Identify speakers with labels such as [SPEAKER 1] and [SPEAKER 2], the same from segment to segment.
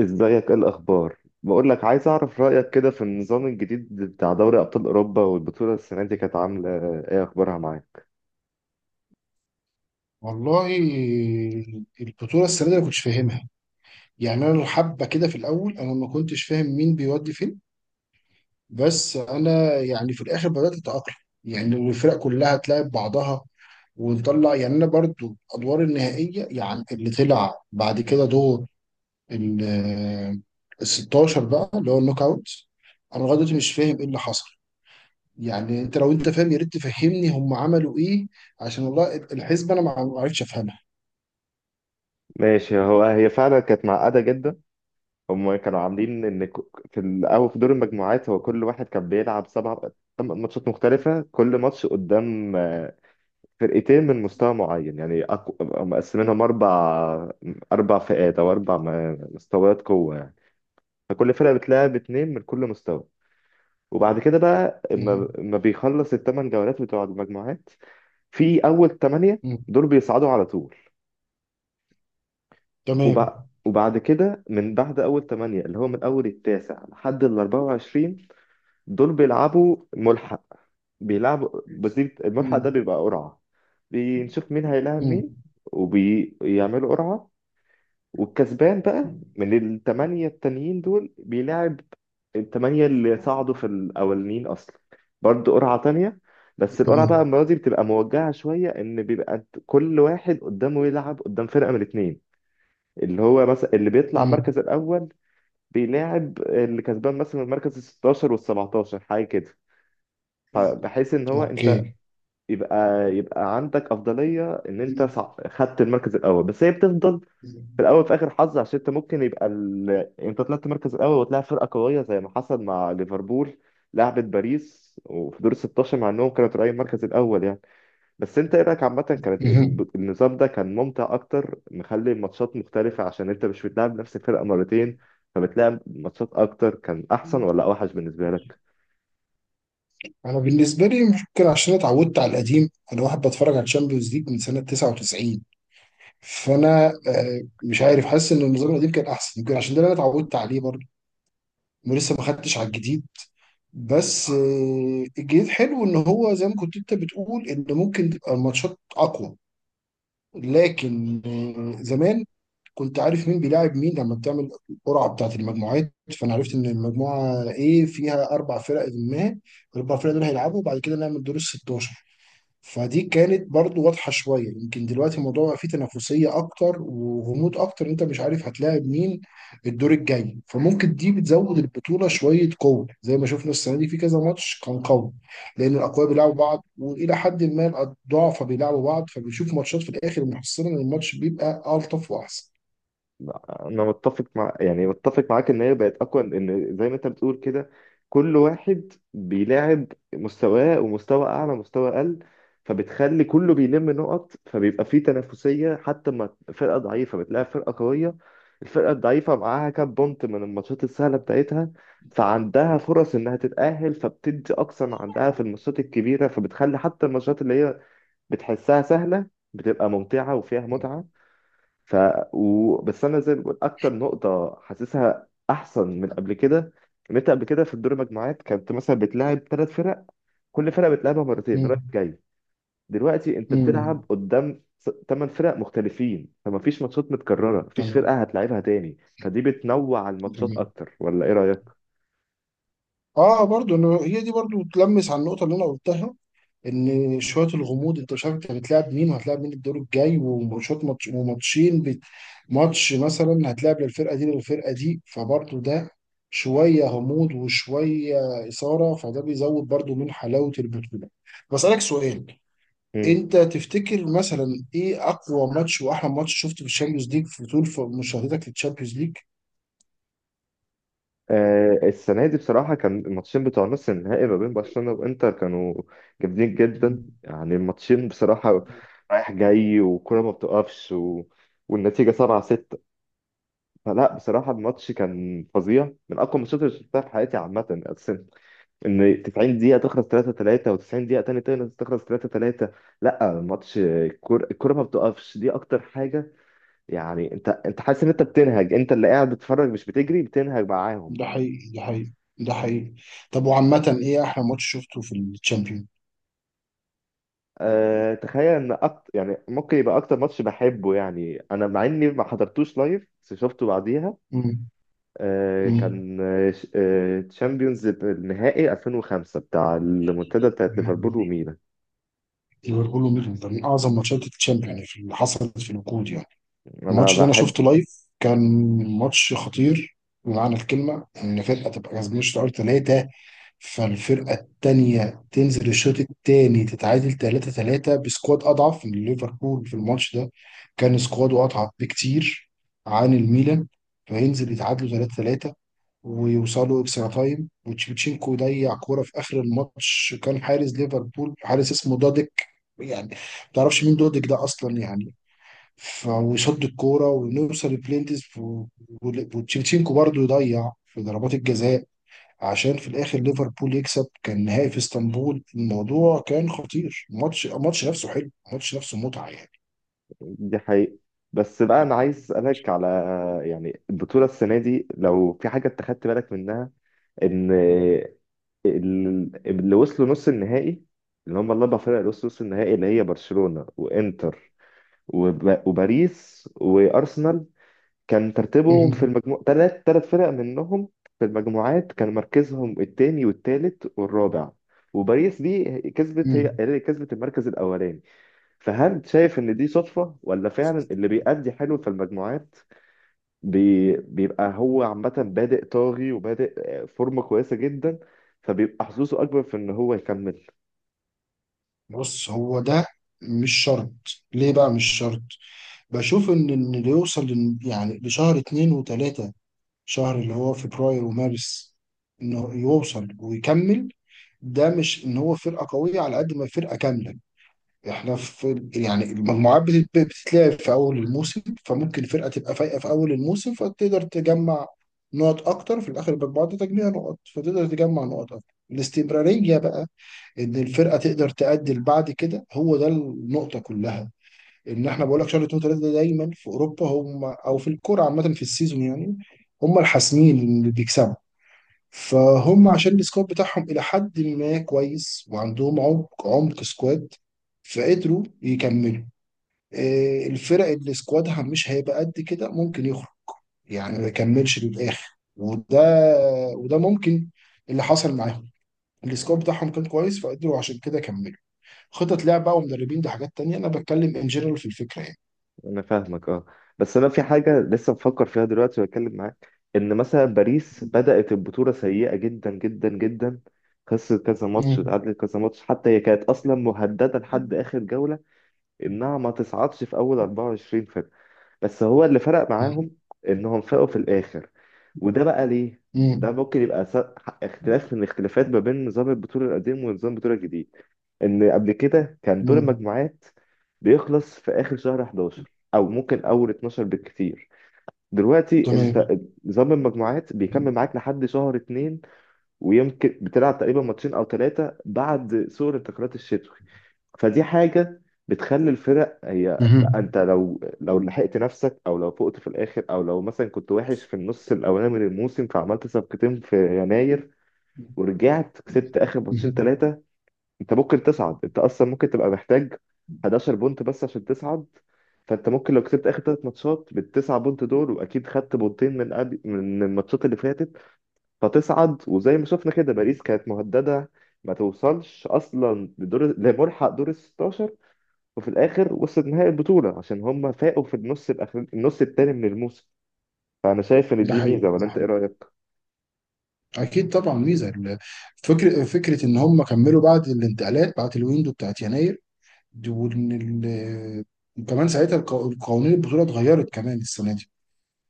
[SPEAKER 1] ازيك؟ ايه الاخبار؟ بقول لك عايز اعرف رايك كده في النظام الجديد بتاع دوري ابطال اوروبا. والبطوله السنه دي كانت عامله ايه؟ اخبارها معاك؟
[SPEAKER 2] والله، البطولة السنة دي أنا كنتش فاهمها. يعني أنا حبة كده في الأول، أنا ما كنتش فاهم مين بيودي فين. بس أنا يعني في الآخر بدأت أتأقلم. يعني الفرق كلها تلاعب بعضها ونطلع. يعني أنا برضو الأدوار النهائية، يعني اللي طلع بعد كده دور ال ال 16 بقى اللي هو النوك أوت. أنا لغاية دلوقتي مش فاهم إيه اللي حصل. يعني أنت، لو أنت فاهم يا ريت تفهمني هم عملوا إيه. عشان والله الحسبة أنا ما عرفتش أفهمها.
[SPEAKER 1] ماشي. هو هي فعلا كانت معقده جدا. هم كانوا عاملين ان في الاول في دور المجموعات هو كل واحد كان بيلعب سبع، ثمان ماتشات مختلفه، كل ماتش قدام فرقتين من مستوى معين، يعني مقسمينهم اربع، اربع فئات او اربع مستويات قوه يعني. فكل فرقه بتلعب اتنين من كل مستوى. وبعد كده بقى
[SPEAKER 2] مهم.
[SPEAKER 1] اما بيخلص الثمان جولات بتوع المجموعات، في اول ثمانية
[SPEAKER 2] مم.
[SPEAKER 1] دول بيصعدوا على طول.
[SPEAKER 2] تمام.
[SPEAKER 1] وبعد كده من بعد اول ثمانية، اللي هو من اول التاسع لحد ال 24، دول بيلعبوا ملحق. بيلعبوا بسيط. الملحق
[SPEAKER 2] مم.
[SPEAKER 1] ده بيبقى قرعة، بنشوف مين هيلاعب
[SPEAKER 2] مم.
[SPEAKER 1] مين. وبيعملوا قرعة، والكسبان بقى من الثمانية التانيين دول بيلعب الثمانية اللي صعدوا في الأولين أصلا، برضه قرعة تانية. بس القرعة بقى
[SPEAKER 2] تمام.
[SPEAKER 1] المرة دي بتبقى موجهة شوية، إن بيبقى كل واحد قدامه يلعب قدام فرقة من الاتنين، اللي هو مثلا اللي بيطلع
[SPEAKER 2] مم.
[SPEAKER 1] المركز الأول بيلاعب اللي كسبان مثلا المركز ال 16 وال 17 حاجة كده. فبحيث إن هو أنت
[SPEAKER 2] اوكي.
[SPEAKER 1] يبقى عندك أفضلية إن أنت خدت المركز الأول، بس هي بتفضل في الاول في اخر حظ، عشان انت ممكن يبقى يعني انت طلعت مركز الاول وتلاعب فرقه قويه زي ما حصل مع ليفربول، لعبت باريس وفي دور ال 16 مع انهم كانوا طالعين المركز الاول يعني. بس انت ايه رايك عامه؟ كانت
[SPEAKER 2] مهم.
[SPEAKER 1] النظام ده كان ممتع اكتر، مخلي الماتشات مختلفه عشان انت مش بتلعب نفس الفرقه مرتين، فبتلعب ماتشات اكتر. كان احسن ولا اوحش بالنسبه لك؟
[SPEAKER 2] انا بالنسبه لي ممكن، عشان اتعودت على القديم. انا واحد بتفرج على الشامبيونز ليج من سنه 99. فانا مش عارف، حاسس ان النظام القديم كان احسن، يمكن عشان ده اللي انا اتعودت عليه برضه ولسه ما خدتش على الجديد. بس الجديد حلو، ان هو زي ما كنت انت بتقول، ان ممكن تبقى الماتشات اقوى. لكن زمان كنت عارف مين بيلاعب مين لما بتعمل القرعه بتاعت المجموعات. فانا عرفت ان المجموعه ايه فيها 4 فرق، ما الاربع فرق دول هيلعبوا وبعد كده نعمل دور ال 16. فدي كانت برضو واضحه شويه. يمكن دلوقتي الموضوع بقى فيه تنافسيه اكتر وغموض اكتر، انت مش عارف هتلاعب مين الدور الجاي. فممكن دي بتزود البطوله شويه قوه، زي ما شفنا السنه دي في كذا ماتش كان قوي، لان الاقوياء بيلعبوا بعض والى حد ما الضعفاء بيلعبوا بعض، فبنشوف ماتشات في الاخر محصله ان الماتش بيبقى الطف واحسن.
[SPEAKER 1] انا متفق مع، يعني متفق معاك ان هي بقت اقوى، ان زي ما انت بتقول كده كل واحد بيلاعب مستواه ومستوى اعلى مستوى اقل، فبتخلي كله بيلم نقط، فبيبقى فيه تنافسية. حتى ما فرقة ضعيفة بتلاعب فرقة قوية، الفرقة الضعيفة معاها كام بونت من الماتشات السهلة بتاعتها، فعندها فرص انها تتأهل، فبتدي اقصى ما عندها في الماتشات الكبيرة، فبتخلي حتى الماتشات اللي هي بتحسها سهلة بتبقى ممتعة وفيها متعة. ف بس انا زي ما بقول، اكتر نقطه حاسسها احسن من
[SPEAKER 2] مم.
[SPEAKER 1] قبل كده ان انت قبل كده في الدور المجموعات كنت مثلا بتلاعب ثلاث فرق، كل فرقه بتلعبها مرتين رايح جاي. دلوقتي انت
[SPEAKER 2] مم.
[SPEAKER 1] بتلعب قدام ثمان فرق مختلفين، فما فيش ماتشات متكرره، مفيش
[SPEAKER 2] تمام.
[SPEAKER 1] فرقه هتلعبها تاني. فدي بتنوع الماتشات
[SPEAKER 2] تمام.
[SPEAKER 1] اكتر، ولا ايه رايك؟
[SPEAKER 2] اه، برضو انه هي دي برضو تلمس على النقطه اللي انا قلتها، ان شويه الغموض انت مش عارف انت بتلعب مين وهتلعب مين الدور الجاي. وماتشات ماتش وماتشين ماتش مثلا هتلعب للفرقه دي للفرقه دي، فبرضو ده شويه غموض وشويه اثاره، فده بيزود برضو من حلاوه البطوله. بسالك سؤال، انت تفتكر مثلا ايه اقوى ماتش واحلى ماتش شفته في الشامبيونز ليج في طول مشاهدتك للشامبيونز ليج؟
[SPEAKER 1] السنة دي بصراحة كان الماتشين بتوع نص النهائي ما بين برشلونة وإنتر كانوا جامدين جدا. يعني الماتشين بصراحة رايح جاي، والكرة ما بتقفش، والنتيجة سبعة ستة. فلا بصراحة الماتش كان فظيع، من أقوى الماتشات اللي شفتها في حياتي عامة أصلا. إن 90 دقيقة تخلص 3 3 و90 دقيقة تاني تخلص 3 3. لا، الماتش، الكرة ما بتقفش، دي أكتر حاجة. يعني أنت حاسس إن أنت بتنهج، أنت اللي قاعد بتتفرج مش بتجري، بتنهج معاهم.
[SPEAKER 2] ده حقيقي، ده حقيقي، ده حقيقي. طب وعامة ايه احلى ماتش شفته في الشامبيون؟
[SPEAKER 1] أه تخيل ان أكتر، يعني ممكن يبقى اكتر ماتش بحبه يعني، انا مع اني ما حضرتوش لايف بس شفته بعديها.
[SPEAKER 2] امم.
[SPEAKER 1] أه
[SPEAKER 2] امم.
[SPEAKER 1] كان تشامبيونز النهائي 2005 بتاع المنتدى بتاعت
[SPEAKER 2] يعني
[SPEAKER 1] ليفربول وميلان.
[SPEAKER 2] ليفربول وميدلتون من اعظم ماتشات الشامبيون، يعني اللي حصلت في الوقود يعني.
[SPEAKER 1] انا
[SPEAKER 2] الماتش ده انا
[SPEAKER 1] بحب.
[SPEAKER 2] شفته لايف، كان ماتش خطير بمعنى الكلمه. ان فرقه تبقى كسبانه الشوط الاول ثلاثه، فالفرقه الثانيه تنزل الشوط الثاني تتعادل 3-3، بسكواد اضعف من ليفربول في الماتش ده. كان سكواده اضعف بكتير عن الميلان. فينزل يتعادلوا 3 ويوصلوا اكسترا تايم، وتشيفتشينكو يضيع كوره في اخر الماتش. كان حارس ليفربول، حارس اسمه دوديك. يعني ما تعرفش مين دوديك ده اصلا يعني. ويصد الكوره ونوصل لبلينتس و- وتشيفتشينكو برضه يضيع في ضربات الجزاء، عشان في الاخر ليفربول يكسب. كان نهائي في اسطنبول، الموضوع كان خطير. الماتش نفسه حلو، الماتش نفسه متعه يعني.
[SPEAKER 1] دي حقيقة. بس بقى انا عايز اسالك على، يعني البطولة السنة دي لو في حاجة انت خدت بالك منها، ان اللي وصلوا نص النهائي، اللي هم الاربع فرق اللي وصلوا نص النهائي اللي هي برشلونة وانتر وباريس وارسنال، كان ترتيبهم في
[SPEAKER 2] مهم.
[SPEAKER 1] المجموع ثلاث، ثلاث فرق منهم في المجموعات كان مركزهم الثاني والثالث والرابع، وباريس دي كسبت، هي
[SPEAKER 2] مم.
[SPEAKER 1] اللي كسبت المركز الاولاني. فهل شايف ان دي صدفة ولا فعلا اللي بيأدي حلو في المجموعات بيبقى هو عامة بادئ طاغي وبادئ فورمة كويسة جدا، فبيبقى حظوظه اكبر في ان هو يكمل؟
[SPEAKER 2] بص هو ده، مش شرط. ليه بقى مش شرط؟ بشوف إن اللي يوصل يعني لشهر اتنين وتلاتة، شهر اللي هو فبراير ومارس، انه يوصل ويكمل. ده مش ان هو فرقة قوية، على قد ما فرقة كاملة. احنا في يعني المجموعات بتتلعب في اول الموسم، فممكن فرقة تبقى فايقة في اول الموسم فتقدر تجمع نقط اكتر في الاخر. يبقى بعد تجميع نقط فتقدر تجمع نقط اكتر. الاستمرارية بقى، ان الفرقة تقدر تأدي بعد كده، هو ده النقطة كلها. ان احنا بقول لك شهر اتنين وتلاته ده دايما في اوروبا، هم او في الكوره عامه في السيزون يعني، هم الحاسمين اللي بيكسبوا. فهم عشان السكواد بتاعهم الى حد ما كويس، وعندهم عمق عمق سكواد، فقدروا يكملوا. الفرق اللي سكوادها مش هيبقى قد كده ممكن يخرج، يعني ما يكملش للاخر. وده وده ممكن اللي حصل معاهم. السكواد بتاعهم كان كويس فقدروا عشان كده كملوا. خطط لعب بقى ومدربين، دي حاجات تانية، انا بتكلم ان جنرال في الفكره
[SPEAKER 1] انا فاهمك اه. بس انا في حاجه لسه بفكر فيها دلوقتي واتكلم معاك، ان مثلا باريس بدات البطوله سيئه جدا جدا جدا، خسرت كذا ماتش،
[SPEAKER 2] يعني.
[SPEAKER 1] اتعادلت كذا ماتش، حتى هي كانت اصلا مهدده لحد اخر جوله انها ما تصعدش في اول 24 فرقه. بس هو اللي فرق معاهم انهم فاقوا في الاخر. وده بقى ليه؟ ده
[SPEAKER 2] مم.
[SPEAKER 1] ممكن يبقى اختلاف من الاختلافات ما بين نظام البطوله القديم ونظام البطوله الجديد، ان قبل كده كان دور
[SPEAKER 2] مم.
[SPEAKER 1] المجموعات بيخلص في اخر شهر 11 او ممكن اول 12 بالكتير. دلوقتي
[SPEAKER 2] تمام.
[SPEAKER 1] انت نظام المجموعات بيكمل معاك لحد شهر 2، ويمكن بتلعب تقريبا ماتشين او ثلاثه بعد سور الانتقالات الشتوي. فدي حاجه بتخلي الفرق، هي لا،
[SPEAKER 2] مهم.
[SPEAKER 1] انت لو لحقت نفسك او لو فقت في الاخر، او لو مثلا كنت وحش في النص الاولاني من الموسم فعملت صفقتين في يناير ورجعت كسبت اخر ماتشين
[SPEAKER 2] مهم.
[SPEAKER 1] ثلاثه، انت ممكن تصعد. انت اصلا ممكن تبقى محتاج 11 بونت بس عشان تصعد، فانت ممكن لو كسبت اخر ثلاث ماتشات بالتسعة بونت دول، واكيد خدت بونتين من قبل من الماتشات اللي فاتت، فتصعد. وزي ما شفنا كده باريس كانت مهدده ما توصلش اصلا لدور، لملحق دور ال 16، وفي الاخر وصلت نهائي البطوله عشان هم فاقوا في النص الاخر، النص التاني من الموسم. فانا شايف ان
[SPEAKER 2] ده
[SPEAKER 1] دي
[SPEAKER 2] حقيقي،
[SPEAKER 1] ميزه، ولا
[SPEAKER 2] ده
[SPEAKER 1] انت ايه
[SPEAKER 2] حقيقي.
[SPEAKER 1] رايك؟
[SPEAKER 2] اكيد طبعا ميزه فكره، فكره ان هم كملوا بعد الانتقالات بعد الويندو بتاعت يناير. وان وكمان ساعتها القوانين البطوله اتغيرت كمان السنه دي،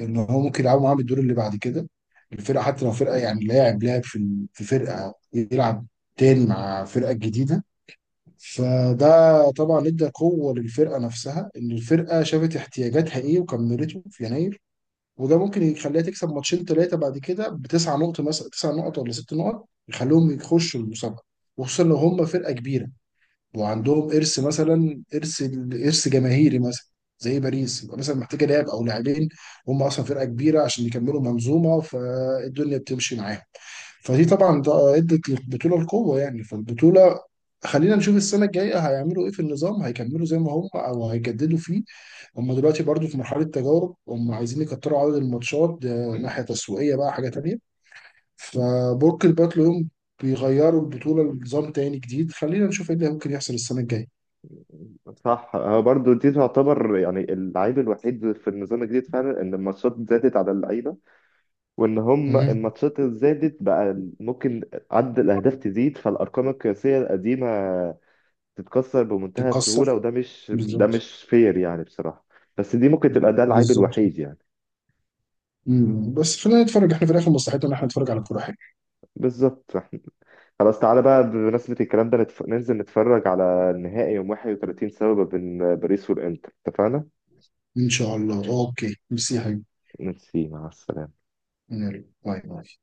[SPEAKER 2] ان هو ممكن يلعبوا معاه بالدور اللي بعد كده الفرقه، حتى لو فرقه يعني لاعب لاعب في في فرقه يلعب تاني مع فرقه جديده. فده طبعا ادى قوة للفرقة نفسها، ان الفرقة شافت احتياجاتها ايه وكملته في يناير. وده ممكن يخليها تكسب ماتشين ثلاثة بعد كده بتسع نقط، مثلا 9 نقط ولا 6 نقط، يخليهم يخشوا المسابقة. وخصوصا لو هم فرقة كبيرة وعندهم إرث، مثلا إرث، إرث جماهيري مثلا، زي باريس. يبقى مثلا محتاجة لاعب أو لاعبين، هم أصلا فرقة كبيرة، عشان يكملوا منظومة فالدنيا بتمشي معاهم. فدي طبعا ادت للبطوله القوه يعني. فالبطوله، خلينا نشوف السنه الجايه هيعملوا ايه في النظام، هيكملوا زي ما هم او هيجددوا فيه. هم دلوقتي برضو في مرحله تجارب، هم عايزين يكتروا عدد الماتشات، ده ناحيه تسويقيه بقى حاجه تانيه. فبرج الباتل يوم بيغيروا البطوله لنظام تاني جديد. خلينا نشوف ايه اللي ممكن يحصل السنه الجايه.
[SPEAKER 1] صح، هو برضو دي تعتبر يعني اللعيب الوحيد في النظام الجديد فعلا، ان الماتشات زادت على اللعيبه، وان هم
[SPEAKER 2] مهم.
[SPEAKER 1] الماتشات اللي زادت بقى ممكن عدد الاهداف تزيد، فالارقام القياسيه القديمه تتكسر بمنتهى
[SPEAKER 2] تتكسر.
[SPEAKER 1] السهوله، وده مش ده
[SPEAKER 2] بالظبط.
[SPEAKER 1] مش فير يعني بصراحه. بس دي ممكن تبقى، ده العيب
[SPEAKER 2] بالظبط.
[SPEAKER 1] الوحيد يعني.
[SPEAKER 2] مم. بس خلينا نتفرج، احنا في الاخر مصلحتنا ان احنا نتفرج على كوره حلوه.
[SPEAKER 1] بالظبط. احنا خلاص، تعالى بقى بمناسبة الكلام ده ننزل نتفرج على النهائي يوم 31 سبب بين باريس والإنتر، اتفقنا؟
[SPEAKER 2] ان شاء الله. اوكي، ميرسي يا حبيبي.
[SPEAKER 1] ميرسي، مع السلامة.
[SPEAKER 2] يلا. باي باي.